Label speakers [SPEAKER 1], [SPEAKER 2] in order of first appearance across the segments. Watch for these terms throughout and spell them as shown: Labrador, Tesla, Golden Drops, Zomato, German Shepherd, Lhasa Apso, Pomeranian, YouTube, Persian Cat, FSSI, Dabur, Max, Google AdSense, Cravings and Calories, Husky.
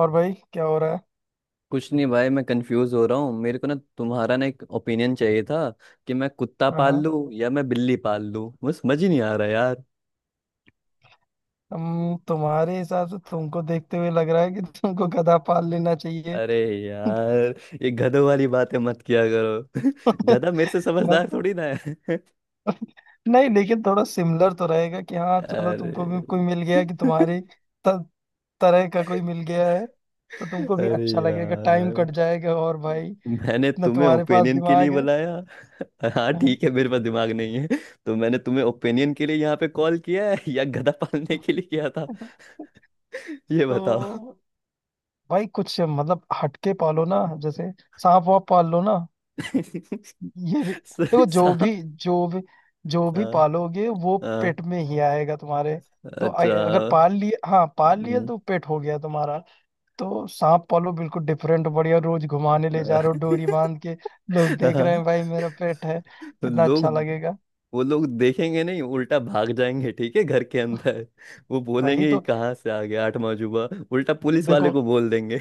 [SPEAKER 1] और भाई क्या हो रहा है?
[SPEAKER 2] कुछ नहीं भाई, मैं कंफ्यूज हो रहा हूँ। मेरे को ना तुम्हारा ना एक ओपिनियन चाहिए था कि मैं कुत्ता
[SPEAKER 1] हाँ,
[SPEAKER 2] पाल
[SPEAKER 1] हाँ।
[SPEAKER 2] लूँ या मैं बिल्ली पाल लूँ। मुझे समझ ही नहीं आ रहा यार।
[SPEAKER 1] हम तुम्हारे हिसाब से, तुमको देखते हुए लग रहा है कि तुमको गधा पाल लेना चाहिए।
[SPEAKER 2] अरे यार, ये गधों वाली बातें मत किया करो। गधा मेरे से समझदार
[SPEAKER 1] मतलब,
[SPEAKER 2] थोड़ी ना है।
[SPEAKER 1] नहीं लेकिन थोड़ा सिमिलर तो रहेगा कि हाँ चलो, तुमको
[SPEAKER 2] अरे
[SPEAKER 1] भी कोई मिल गया, कि तुम्हारी त, तरह का कोई मिल गया है, तो तुमको भी
[SPEAKER 2] अरे
[SPEAKER 1] अच्छा लगेगा, टाइम
[SPEAKER 2] यार,
[SPEAKER 1] कट जाएगा। और भाई,
[SPEAKER 2] मैंने
[SPEAKER 1] ना
[SPEAKER 2] तुम्हें
[SPEAKER 1] तुम्हारे पास
[SPEAKER 2] ओपिनियन के लिए
[SPEAKER 1] दिमाग है।
[SPEAKER 2] बुलाया। हाँ
[SPEAKER 1] हाँ।
[SPEAKER 2] ठीक है, मेरे पास दिमाग नहीं है। तो मैंने तुम्हें ओपिनियन के लिए यहाँ पे कॉल किया है या गधा पालने के लिए किया था? ये बताओ।
[SPEAKER 1] तो भाई कुछ मतलब हटके पालो ना, जैसे सांप वाप पाल लो ना। ये भी
[SPEAKER 2] सा-
[SPEAKER 1] देखो,
[SPEAKER 2] सा-
[SPEAKER 1] जो भी जो भी
[SPEAKER 2] हाँ,
[SPEAKER 1] पालोगे वो
[SPEAKER 2] हाँ।
[SPEAKER 1] पेट में ही आएगा तुम्हारे। तो
[SPEAKER 2] अच्छा।
[SPEAKER 1] अगर पाल लिए, हाँ पाल लिए
[SPEAKER 2] हम्म,
[SPEAKER 1] तो पेट हो गया तुम्हारा। तो सांप पालो, बिल्कुल डिफरेंट, बढ़िया, रोज घुमाने ले जा रहे हो डोरी बांध के। लोग देख रहे
[SPEAKER 2] हाँ,
[SPEAKER 1] हैं भाई, मेरा पेट है।
[SPEAKER 2] तो
[SPEAKER 1] कितना
[SPEAKER 2] लोग
[SPEAKER 1] अच्छा लगेगा।
[SPEAKER 2] वो लोग देखेंगे नहीं, उल्टा भाग जाएंगे। ठीक है, घर के अंदर वो
[SPEAKER 1] वही
[SPEAKER 2] बोलेंगे कि
[SPEAKER 1] तो।
[SPEAKER 2] कहाँ से आ गया आठवां जुबा। उल्टा पुलिस वाले
[SPEAKER 1] देखो,
[SPEAKER 2] को बोल देंगे।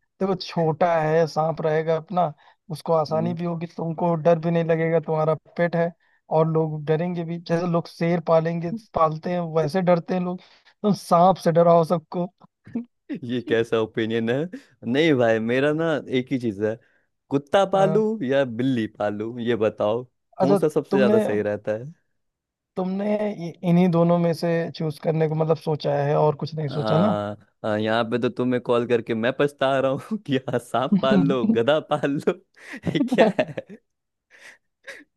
[SPEAKER 1] देखो छोटा है, सांप रहेगा अपना। उसको आसानी
[SPEAKER 2] हम्म।
[SPEAKER 1] भी होगी, तुमको डर भी नहीं लगेगा, तुम्हारा पेट है। और लोग डरेंगे भी, जैसे लोग शेर पालेंगे, पालते हैं वैसे डरते हैं लोग। तुम सांप से डराओ सबको।
[SPEAKER 2] ये कैसा ओपिनियन है? नहीं भाई, मेरा ना एक ही चीज है, कुत्ता पालू
[SPEAKER 1] हाँ।
[SPEAKER 2] या बिल्ली पालू, ये बताओ। कौन
[SPEAKER 1] अच्छा,
[SPEAKER 2] सा सबसे
[SPEAKER 1] तुमने
[SPEAKER 2] ज्यादा सही रहता है?
[SPEAKER 1] तुमने इन्हीं दोनों में से चूज करने को मतलब सोचा है, और कुछ नहीं सोचा ना?
[SPEAKER 2] आ, आ, यहाँ पे तो तुम्हें कॉल करके मैं पछता रहा हूँ कि हाँ, सांप पाल लो, गधा पाल लो। ये क्या है?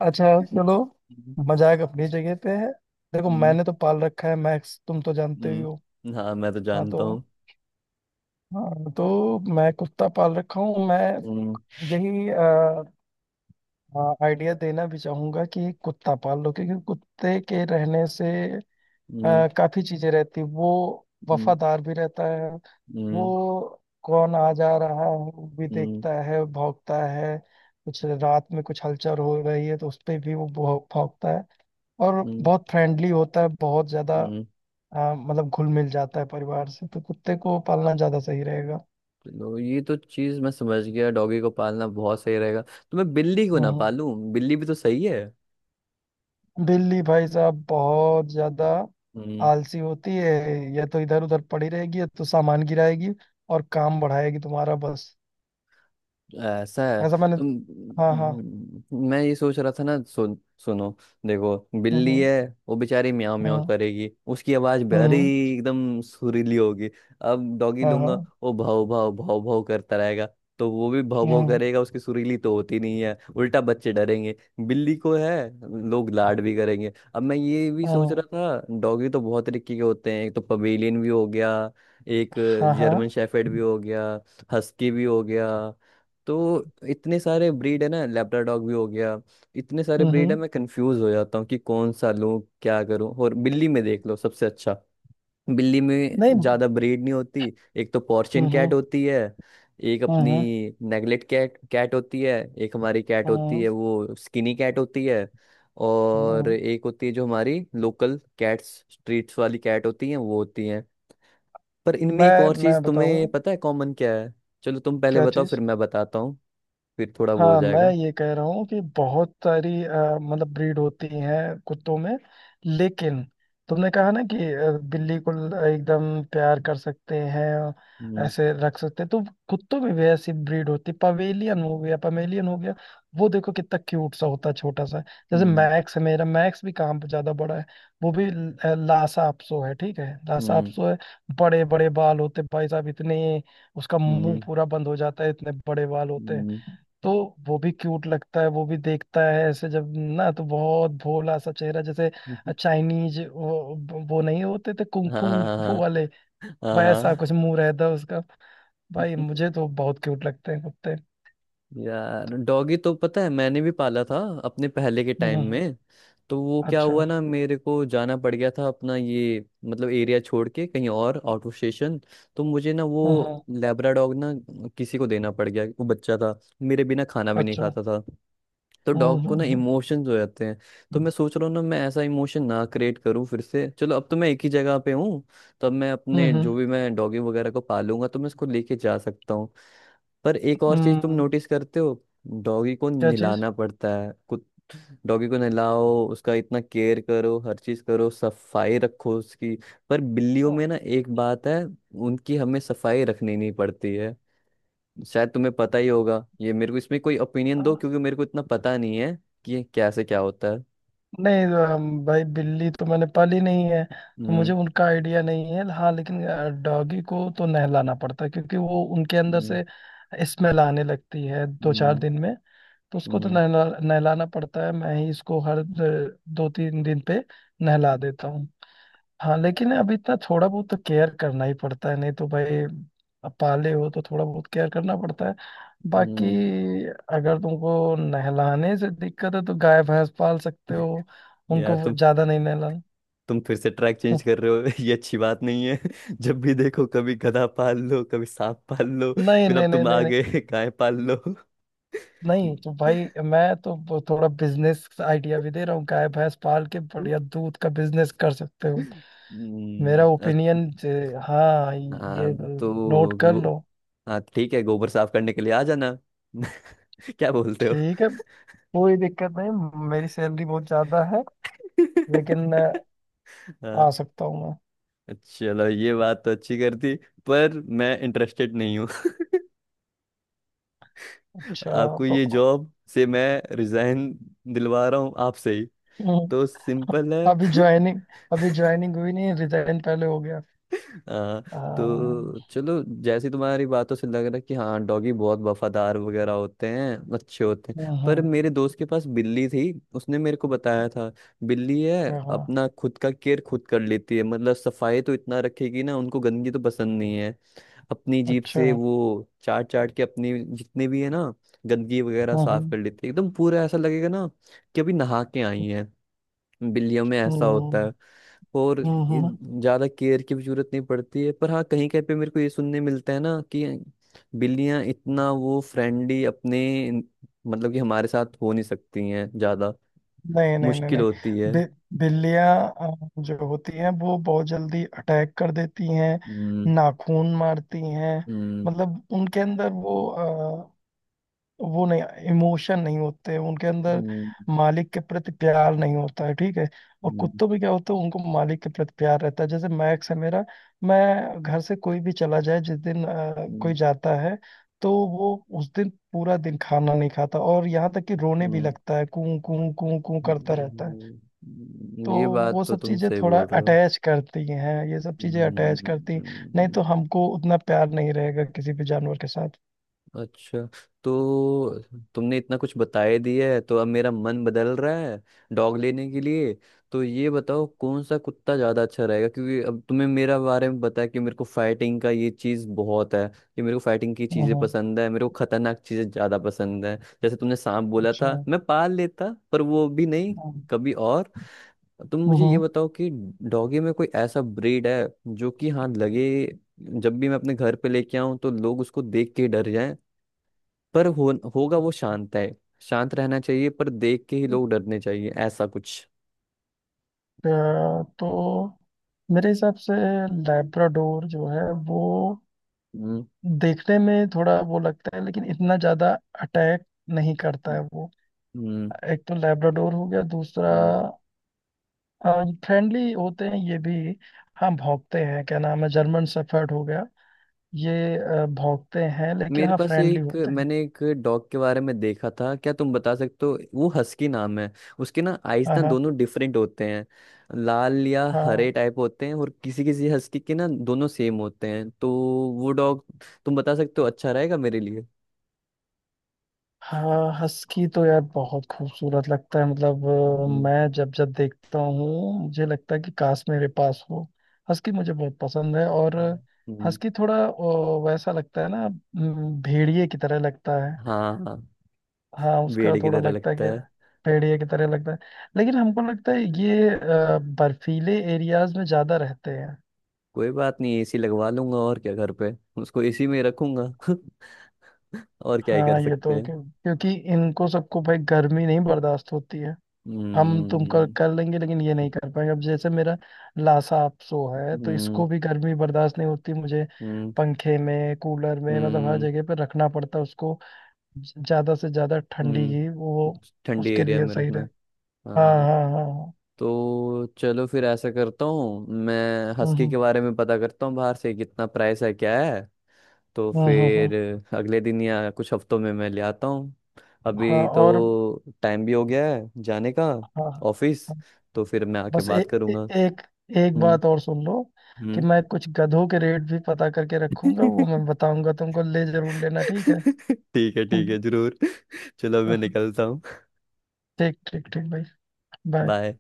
[SPEAKER 1] अच्छा, चलो, मजाक अपनी जगह पे है। देखो,
[SPEAKER 2] हम्म।
[SPEAKER 1] मैंने तो पाल रखा है मैक्स, तुम तो
[SPEAKER 2] हम्म।
[SPEAKER 1] जानते ही हो।
[SPEAKER 2] हम्म। हाँ, मैं तो
[SPEAKER 1] हाँ
[SPEAKER 2] जानता
[SPEAKER 1] तो
[SPEAKER 2] हूँ।
[SPEAKER 1] हाँ तो मैं कुत्ता पाल रखा हूँ मैं।
[SPEAKER 2] हम्म।
[SPEAKER 1] यही आइडिया देना भी चाहूंगा कि कुत्ता पाल लो, क्योंकि कुत्ते के रहने से
[SPEAKER 2] हम्म।
[SPEAKER 1] काफी चीजें रहती, वो
[SPEAKER 2] हम्म।
[SPEAKER 1] वफादार भी रहता है। वो
[SPEAKER 2] हम्म।
[SPEAKER 1] कौन आ जा रहा है वो भी
[SPEAKER 2] हम्म।
[SPEAKER 1] देखता है, भौंकता है। कुछ रात में कुछ हलचल हो रही है तो उस पे भी वो भौंकता है। और
[SPEAKER 2] हम्म।
[SPEAKER 1] बहुत फ्रेंडली होता है, बहुत ज्यादा।
[SPEAKER 2] हम्म।
[SPEAKER 1] मतलब घुल मिल जाता है परिवार से, तो कुत्ते को पालना ज्यादा सही रहेगा।
[SPEAKER 2] चलो, ये तो चीज मैं समझ गया, डॉगी को पालना बहुत सही रहेगा, तो मैं बिल्ली को
[SPEAKER 1] हम्म,
[SPEAKER 2] ना पालूं? बिल्ली भी तो सही है।
[SPEAKER 1] दिल्ली भाई साहब बहुत ज्यादा
[SPEAKER 2] हम्म।
[SPEAKER 1] आलसी होती है, या तो इधर उधर पड़ी रहेगी, या तो सामान गिराएगी और काम बढ़ाएगी तुम्हारा बस।
[SPEAKER 2] ऐसा है?
[SPEAKER 1] ऐसा, मैंने।
[SPEAKER 2] तो
[SPEAKER 1] हाँ, हाँ।
[SPEAKER 2] मैं ये सोच रहा था ना, सुन, सुनो, देखो, बिल्ली
[SPEAKER 1] हम्म,
[SPEAKER 2] है, वो बेचारी म्याऊं म्याऊं
[SPEAKER 1] हम्म,
[SPEAKER 2] करेगी, उसकी आवाज
[SPEAKER 1] हम्म,
[SPEAKER 2] बड़ी
[SPEAKER 1] हम्म।
[SPEAKER 2] एकदम सुरीली होगी। अब डॉगी
[SPEAKER 1] हाँ,
[SPEAKER 2] लूंगा,
[SPEAKER 1] हाँ।
[SPEAKER 2] वो भाव भाव भाव भाव करता रहेगा, तो वो भी भाव भाव
[SPEAKER 1] हम्म,
[SPEAKER 2] करेगा, उसकी सुरीली तो होती नहीं है, उल्टा बच्चे डरेंगे। बिल्ली को है, लोग लाड भी करेंगे। अब मैं ये भी सोच रहा
[SPEAKER 1] हम्म।
[SPEAKER 2] था, डॉगी तो बहुत तरीके के होते हैं। एक तो पवेलियन भी हो गया, एक
[SPEAKER 1] हाँ,
[SPEAKER 2] जर्मन
[SPEAKER 1] हाँ।
[SPEAKER 2] शेफर्ड भी हो गया, हस्की भी हो गया, तो इतने सारे ब्रीड है ना, लेब्राडॉग भी हो गया। इतने सारे
[SPEAKER 1] हम्म,
[SPEAKER 2] ब्रीड है,
[SPEAKER 1] हम्म।
[SPEAKER 2] मैं कंफ्यूज हो जाता हूँ कि कौन सा लूँ, क्या करूँ। और बिल्ली में देख लो, सबसे अच्छा, बिल्ली में
[SPEAKER 1] नहीं, हम्म।
[SPEAKER 2] ज्यादा ब्रीड नहीं होती। एक तो पोर्शियन कैट
[SPEAKER 1] हम्म,
[SPEAKER 2] होती है, एक अपनी
[SPEAKER 1] हम्म,
[SPEAKER 2] नेगलेट कैट कैट होती है, एक हमारी कैट होती
[SPEAKER 1] हम्म,
[SPEAKER 2] है, वो स्किनी कैट होती है।
[SPEAKER 1] हम्म,
[SPEAKER 2] और
[SPEAKER 1] हम्म।
[SPEAKER 2] एक होती है जो हमारी लोकल कैट्स स्ट्रीट्स वाली कैट होती है, वो होती है। पर इनमें एक
[SPEAKER 1] मैं
[SPEAKER 2] और
[SPEAKER 1] मैं
[SPEAKER 2] चीज
[SPEAKER 1] बताऊं?
[SPEAKER 2] तुम्हें पता है कॉमन क्या है? चलो तुम पहले
[SPEAKER 1] क्या
[SPEAKER 2] बताओ, फिर
[SPEAKER 1] चीज?
[SPEAKER 2] मैं बताता, फिर थोड़ा वो हो
[SPEAKER 1] हाँ, मैं
[SPEAKER 2] जाएगा।
[SPEAKER 1] ये कह रहा हूँ कि बहुत सारी मतलब ब्रीड होती हैं कुत्तों में, लेकिन तुमने कहा ना कि बिल्ली को एकदम प्यार कर सकते हैं,
[SPEAKER 2] हम्म।
[SPEAKER 1] ऐसे रख सकते हैं, तो कुत्तों में भी ऐसी ब्रीड होती है, पवेलियन हो गया, पमेलियन हो गया। वो देखो कितना क्यूट सा होता है, छोटा सा। जैसे
[SPEAKER 2] हम्म।
[SPEAKER 1] मैक्स है मेरा, मैक्स भी काम पे ज्यादा बड़ा है। वो भी लासा अपसो है, ठीक है, लासा
[SPEAKER 2] हम्म।
[SPEAKER 1] अपसो है। बड़े बड़े बाल होते हैं भाई साहब, इतने। उसका मुंह
[SPEAKER 2] हम्म।
[SPEAKER 1] पूरा बंद हो जाता है, इतने बड़े बाल होते हैं।
[SPEAKER 2] हम्म।
[SPEAKER 1] तो वो भी क्यूट लगता है, वो भी देखता है ऐसे जब, ना तो बहुत भोला सा चेहरा, जैसे चाइनीज वो नहीं होते थे कुंग
[SPEAKER 2] हाँ,
[SPEAKER 1] फू उंग फू
[SPEAKER 2] हाँ,
[SPEAKER 1] वाले,
[SPEAKER 2] हाँ,
[SPEAKER 1] वैसा
[SPEAKER 2] हाँ,
[SPEAKER 1] कुछ मुंह रहता है उसका। भाई मुझे तो बहुत क्यूट लगते हैं कुत्ते।
[SPEAKER 2] यार, डॉगी तो पता है मैंने भी पाला था, अपने पहले के
[SPEAKER 1] हम्म,
[SPEAKER 2] टाइम में। तो वो क्या
[SPEAKER 1] अच्छा।
[SPEAKER 2] हुआ ना, मेरे को जाना पड़ गया था अपना ये मतलब एरिया छोड़ के, कहीं और आउट ऑफ स्टेशन। तो मुझे ना वो
[SPEAKER 1] हम्म, हम्म।
[SPEAKER 2] लेब्रा डॉग ना किसी को देना पड़ गया, वो बच्चा था, मेरे बिना खाना भी नहीं
[SPEAKER 1] अच्छा।
[SPEAKER 2] खाता था। तो
[SPEAKER 1] हम्म,
[SPEAKER 2] डॉग को
[SPEAKER 1] हम्म,
[SPEAKER 2] ना
[SPEAKER 1] हम्म,
[SPEAKER 2] इमोशंस हो जाते हैं। तो मैं सोच रहा हूँ ना, मैं ऐसा इमोशन ना क्रिएट करूँ फिर से। चलो, अब तो मैं एक ही जगह पे हूँ, तब मैं
[SPEAKER 1] हम्म,
[SPEAKER 2] अपने जो भी मैं डॉगी वगैरह को पालूंगा, तो मैं इसको लेके जा सकता हूँ। पर एक और चीज तुम
[SPEAKER 1] हम्म।
[SPEAKER 2] नोटिस करते हो, डॉगी को
[SPEAKER 1] क्या चीज?
[SPEAKER 2] नहलाना पड़ता है कुछ। डॉगी को नहलाओ, उसका इतना केयर करो, हर चीज करो, सफाई रखो उसकी। पर बिल्लियों में ना एक बात है, उनकी हमें सफाई रखनी नहीं पड़ती है। शायद तुम्हें पता ही होगा, ये मेरे को इसमें कोई ओपिनियन दो, क्योंकि मेरे को इतना पता नहीं है कि ये क्या से क्या होता है।
[SPEAKER 1] नहीं, भाई बिल्ली तो मैंने पाली नहीं है, तो मुझे
[SPEAKER 2] हम्म।
[SPEAKER 1] उनका आइडिया नहीं है। हाँ लेकिन डॉगी को तो नहलाना पड़ता है, क्योंकि वो उनके अंदर
[SPEAKER 2] हम्म।
[SPEAKER 1] से स्मेल आने लगती है दो चार
[SPEAKER 2] हम्म।
[SPEAKER 1] दिन में, तो उसको तो
[SPEAKER 2] हम्म।
[SPEAKER 1] नहलाना पड़ता है। मैं ही इसको हर दो तीन दिन पे नहला देता हूँ। हाँ लेकिन अब इतना थोड़ा बहुत तो केयर करना ही पड़ता है, नहीं तो भाई, अब पाले हो तो थोड़ा बहुत केयर करना पड़ता है बाकी।
[SPEAKER 2] हम्म।
[SPEAKER 1] अगर तुमको नहलाने से दिक्कत है तो गाय भैंस पाल सकते हो, उनको
[SPEAKER 2] यार
[SPEAKER 1] वो
[SPEAKER 2] तुम
[SPEAKER 1] ज्यादा नहीं नहलाना।
[SPEAKER 2] तुम फिर से ट्रैक चेंज कर रहे हो। ये अच्छी बात नहीं है। जब भी देखो, कभी गधा पाल लो, कभी सांप पाल लो,
[SPEAKER 1] नहीं,
[SPEAKER 2] फिर
[SPEAKER 1] नहीं,
[SPEAKER 2] अब
[SPEAKER 1] नहीं,
[SPEAKER 2] तुम
[SPEAKER 1] नहीं,
[SPEAKER 2] आगे
[SPEAKER 1] नहीं।
[SPEAKER 2] गाय पाल लो।
[SPEAKER 1] नहीं तो भाई मैं तो थोड़ा बिजनेस आइडिया भी दे रहा हूँ, गाय भैंस पाल के बढ़िया दूध का बिजनेस कर सकते हो। मेरा
[SPEAKER 2] हम्म, अ-
[SPEAKER 1] ओपिनियन। हाँ,
[SPEAKER 2] हाँ
[SPEAKER 1] ये नोट
[SPEAKER 2] तो
[SPEAKER 1] कर लो।
[SPEAKER 2] हाँ ठीक है, गोबर साफ करने के लिए आ जाना। क्या बोलते हो?
[SPEAKER 1] ठीक है, कोई दिक्कत नहीं, मेरी सैलरी बहुत ज्यादा है, लेकिन
[SPEAKER 2] हाँ,
[SPEAKER 1] आ सकता हूँ मैं।
[SPEAKER 2] चलो ये बात तो अच्छी करती, पर मैं इंटरेस्टेड नहीं हूँ।
[SPEAKER 1] अच्छा।
[SPEAKER 2] आपको
[SPEAKER 1] तो
[SPEAKER 2] ये जॉब से मैं रिजाइन दिलवा रहा हूँ आपसे ही,
[SPEAKER 1] हम्म,
[SPEAKER 2] तो सिंपल
[SPEAKER 1] अभी
[SPEAKER 2] है।
[SPEAKER 1] ज्वाइनिंग अभी ज्वाइनिंग हुई नहीं, रिजाइन पहले हो गया।
[SPEAKER 2] हाँ।
[SPEAKER 1] अम,
[SPEAKER 2] तो चलो, जैसी तुम्हारी बातों से लग रहा है कि हाँ डॉगी बहुत वफादार वगैरह होते हैं, अच्छे होते हैं,
[SPEAKER 1] हाँ, हाँ,
[SPEAKER 2] पर मेरे दोस्त के पास बिल्ली थी। उसने मेरे को बताया था, बिल्ली है,
[SPEAKER 1] हाँ, हाँ।
[SPEAKER 2] अपना खुद का केयर खुद कर लेती है, मतलब सफाई तो इतना रखेगी ना, उनको गंदगी तो पसंद नहीं है। अपनी जीप
[SPEAKER 1] अच्छा।
[SPEAKER 2] से
[SPEAKER 1] हाँ,
[SPEAKER 2] वो चाट चाट के अपनी जितने भी है ना गंदगी वगैरह, साफ कर
[SPEAKER 1] हाँ।
[SPEAKER 2] लेती है एकदम पूरा, ऐसा लगेगा ना कि अभी नहा के आई हैं। बिल्लियों में ऐसा
[SPEAKER 1] हम्म,
[SPEAKER 2] होता है। और
[SPEAKER 1] हम्म,
[SPEAKER 2] ये
[SPEAKER 1] हम्म।
[SPEAKER 2] ज्यादा केयर की भी जरूरत नहीं पड़ती है। पर हाँ, कहीं कहीं पे मेरे को ये सुनने मिलता है ना कि बिल्लियां इतना वो फ्रेंडली अपने मतलब कि हमारे साथ हो नहीं सकती हैं ज्यादा,
[SPEAKER 1] नहीं, नहीं, नहीं,
[SPEAKER 2] मुश्किल
[SPEAKER 1] नहीं।
[SPEAKER 2] होती है।
[SPEAKER 1] बि, बिल्लियां जो होती हैं वो बहुत जल्दी अटैक कर देती हैं,
[SPEAKER 2] हम्म।
[SPEAKER 1] नाखून मारती हैं।
[SPEAKER 2] हम्म।
[SPEAKER 1] मतलब उनके अंदर वो नहीं, इमोशन नहीं होते उनके अंदर,
[SPEAKER 2] हम्म।
[SPEAKER 1] मालिक के प्रति प्यार नहीं होता है, ठीक है। और
[SPEAKER 2] हम्म।
[SPEAKER 1] कुत्तों में क्या होता है, उनको मालिक के प्रति प्यार रहता है, जैसे मैक्स है मेरा। मैं घर से कोई भी चला जाए, जिस दिन कोई
[SPEAKER 2] हम्म।
[SPEAKER 1] जाता है, तो वो उस दिन पूरा दिन खाना नहीं खाता, और यहाँ तक कि रोने भी
[SPEAKER 2] हम्म।
[SPEAKER 1] लगता है, कूं कूं कूं कूं करता रहता है। तो
[SPEAKER 2] ये बात
[SPEAKER 1] वो
[SPEAKER 2] तो
[SPEAKER 1] सब
[SPEAKER 2] तुम
[SPEAKER 1] चीजें
[SPEAKER 2] सही
[SPEAKER 1] थोड़ा
[SPEAKER 2] बोल रहे हो।
[SPEAKER 1] अटैच करती हैं, ये सब चीजें अटैच करती हैं। नहीं
[SPEAKER 2] हम्म।
[SPEAKER 1] तो हमको उतना प्यार नहीं रहेगा किसी भी जानवर के साथ।
[SPEAKER 2] अच्छा, तो तुमने इतना कुछ बताए दिया है, तो अब मेरा मन बदल रहा है डॉग लेने के लिए। तो ये बताओ कौन सा कुत्ता ज़्यादा अच्छा रहेगा, क्योंकि अब तुम्हें मेरा बारे में बताया कि मेरे को फाइटिंग का ये चीज़ बहुत है, कि मेरे को फाइटिंग की
[SPEAKER 1] हम्म,
[SPEAKER 2] चीज़ें
[SPEAKER 1] हम्म।
[SPEAKER 2] पसंद है, मेरे को खतरनाक चीज़ें ज़्यादा पसंद है। जैसे तुमने सांप बोला
[SPEAKER 1] अच्छा।
[SPEAKER 2] था, मैं पाल लेता पर वो भी नहीं,
[SPEAKER 1] हम्म,
[SPEAKER 2] कभी और। तुम मुझे ये
[SPEAKER 1] हम्म।
[SPEAKER 2] बताओ कि डॉगी में कोई ऐसा ब्रीड है जो कि हाँ लगे, जब भी मैं अपने घर पे लेके आऊं तो लोग उसको देख के ही डर जाएं, पर होगा वो शांत है, शांत रहना चाहिए, पर देख के ही
[SPEAKER 1] अ,
[SPEAKER 2] लोग डरने चाहिए, ऐसा कुछ।
[SPEAKER 1] तो मेरे हिसाब से, लैब्राडोर जो है वो
[SPEAKER 2] हम्म।
[SPEAKER 1] देखने में थोड़ा वो लगता है, लेकिन इतना ज्यादा अटैक नहीं करता
[SPEAKER 2] हम्म।
[SPEAKER 1] है वो। एक तो लैब्राडोर हो गया, दूसरा
[SPEAKER 2] हम्म।
[SPEAKER 1] फ्रेंडली होते हैं ये भी। हाँ, भौंकते हैं, क्या नाम है, जर्मन शेफर्ड हो गया, ये भौंकते हैं, लेकिन
[SPEAKER 2] मेरे
[SPEAKER 1] हाँ
[SPEAKER 2] पास
[SPEAKER 1] फ्रेंडली
[SPEAKER 2] एक
[SPEAKER 1] होते हैं।
[SPEAKER 2] मैंने एक डॉग के बारे में देखा था, क्या तुम बता सकते हो, वो हस्की नाम है। उसके ना आइज
[SPEAKER 1] हाँ,
[SPEAKER 2] ना
[SPEAKER 1] हाँ,
[SPEAKER 2] दोनों डिफरेंट होते हैं, लाल या
[SPEAKER 1] हाँ,
[SPEAKER 2] हरे टाइप होते हैं। और किसी किसी हस्की के ना दोनों सेम होते हैं, तो वो डॉग तुम बता सकते हो अच्छा रहेगा मेरे लिए?
[SPEAKER 1] हाँ। हस्की तो यार बहुत खूबसूरत लगता है, मतलब
[SPEAKER 2] हम्म।
[SPEAKER 1] मैं जब जब देखता हूँ मुझे लगता है कि काश मेरे पास हो। हस्की मुझे बहुत पसंद है। और
[SPEAKER 2] हम्म। हम्म।
[SPEAKER 1] हस्की थोड़ा वैसा लगता है ना, भेड़िए की तरह लगता है।
[SPEAKER 2] हाँ,
[SPEAKER 1] हाँ, उसका
[SPEAKER 2] बेड़े की
[SPEAKER 1] थोड़ा
[SPEAKER 2] तरह
[SPEAKER 1] लगता है
[SPEAKER 2] लगता
[SPEAKER 1] कि
[SPEAKER 2] है।
[SPEAKER 1] भेड़िए की तरह लगता है। लेकिन हमको लगता है ये बर्फीले एरियाज में ज्यादा रहते हैं।
[SPEAKER 2] कोई बात नहीं, एसी लगवा लूंगा, और क्या, घर पे उसको एसी में रखूंगा। और क्या ही कर
[SPEAKER 1] हाँ ये
[SPEAKER 2] सकते
[SPEAKER 1] तो
[SPEAKER 2] हैं।
[SPEAKER 1] क्योंकि इनको सबको भाई गर्मी नहीं बर्दाश्त होती है। हम तुम
[SPEAKER 2] हम्म।
[SPEAKER 1] कर लेंगे, लेकिन ये नहीं कर पाएंगे, अब जैसे मेरा लासा अपसो है तो
[SPEAKER 2] हम्म।
[SPEAKER 1] इसको भी गर्मी बर्दाश्त नहीं होती मुझे।
[SPEAKER 2] हम्म।
[SPEAKER 1] पंखे में, कूलर में, मतलब हर
[SPEAKER 2] हम्म।
[SPEAKER 1] जगह पे रखना पड़ता है उसको। ज्यादा से ज्यादा ठंडी ही
[SPEAKER 2] हम्म।
[SPEAKER 1] वो
[SPEAKER 2] ठंडी
[SPEAKER 1] उसके
[SPEAKER 2] एरिया
[SPEAKER 1] लिए
[SPEAKER 2] में
[SPEAKER 1] सही
[SPEAKER 2] रखना
[SPEAKER 1] रहे।
[SPEAKER 2] है।
[SPEAKER 1] हाँ,
[SPEAKER 2] हाँ।
[SPEAKER 1] हाँ, हाँ, हाँ।
[SPEAKER 2] तो चलो फिर ऐसा करता हूँ, मैं
[SPEAKER 1] हम्म,
[SPEAKER 2] हस्की
[SPEAKER 1] हम्म,
[SPEAKER 2] के बारे में पता करता हूँ, बाहर से कितना प्राइस है क्या है, तो
[SPEAKER 1] हम्म,
[SPEAKER 2] फिर अगले दिन या कुछ हफ्तों में मैं ले आता हूँ। अभी
[SPEAKER 1] हाँ, और
[SPEAKER 2] तो टाइम भी हो गया है जाने का,
[SPEAKER 1] हाँ,
[SPEAKER 2] ऑफिस,
[SPEAKER 1] हाँ।
[SPEAKER 2] तो फिर मैं आके
[SPEAKER 1] बस ए,
[SPEAKER 2] बात
[SPEAKER 1] ए,
[SPEAKER 2] करूँगा।
[SPEAKER 1] एक एक
[SPEAKER 2] हम्म।
[SPEAKER 1] बात और सुन लो, कि
[SPEAKER 2] हम्म।
[SPEAKER 1] मैं कुछ गधों के रेट भी पता करके रखूंगा, वो मैं बताऊंगा तुमको, ले जरूर लेना, ठीक है।
[SPEAKER 2] ठीक है, ठीक है, जरूर। चलो मैं
[SPEAKER 1] हम्म,
[SPEAKER 2] निकलता हूँ।
[SPEAKER 1] ठीक, ठीक, ठीक भाई, बाय।
[SPEAKER 2] बाय।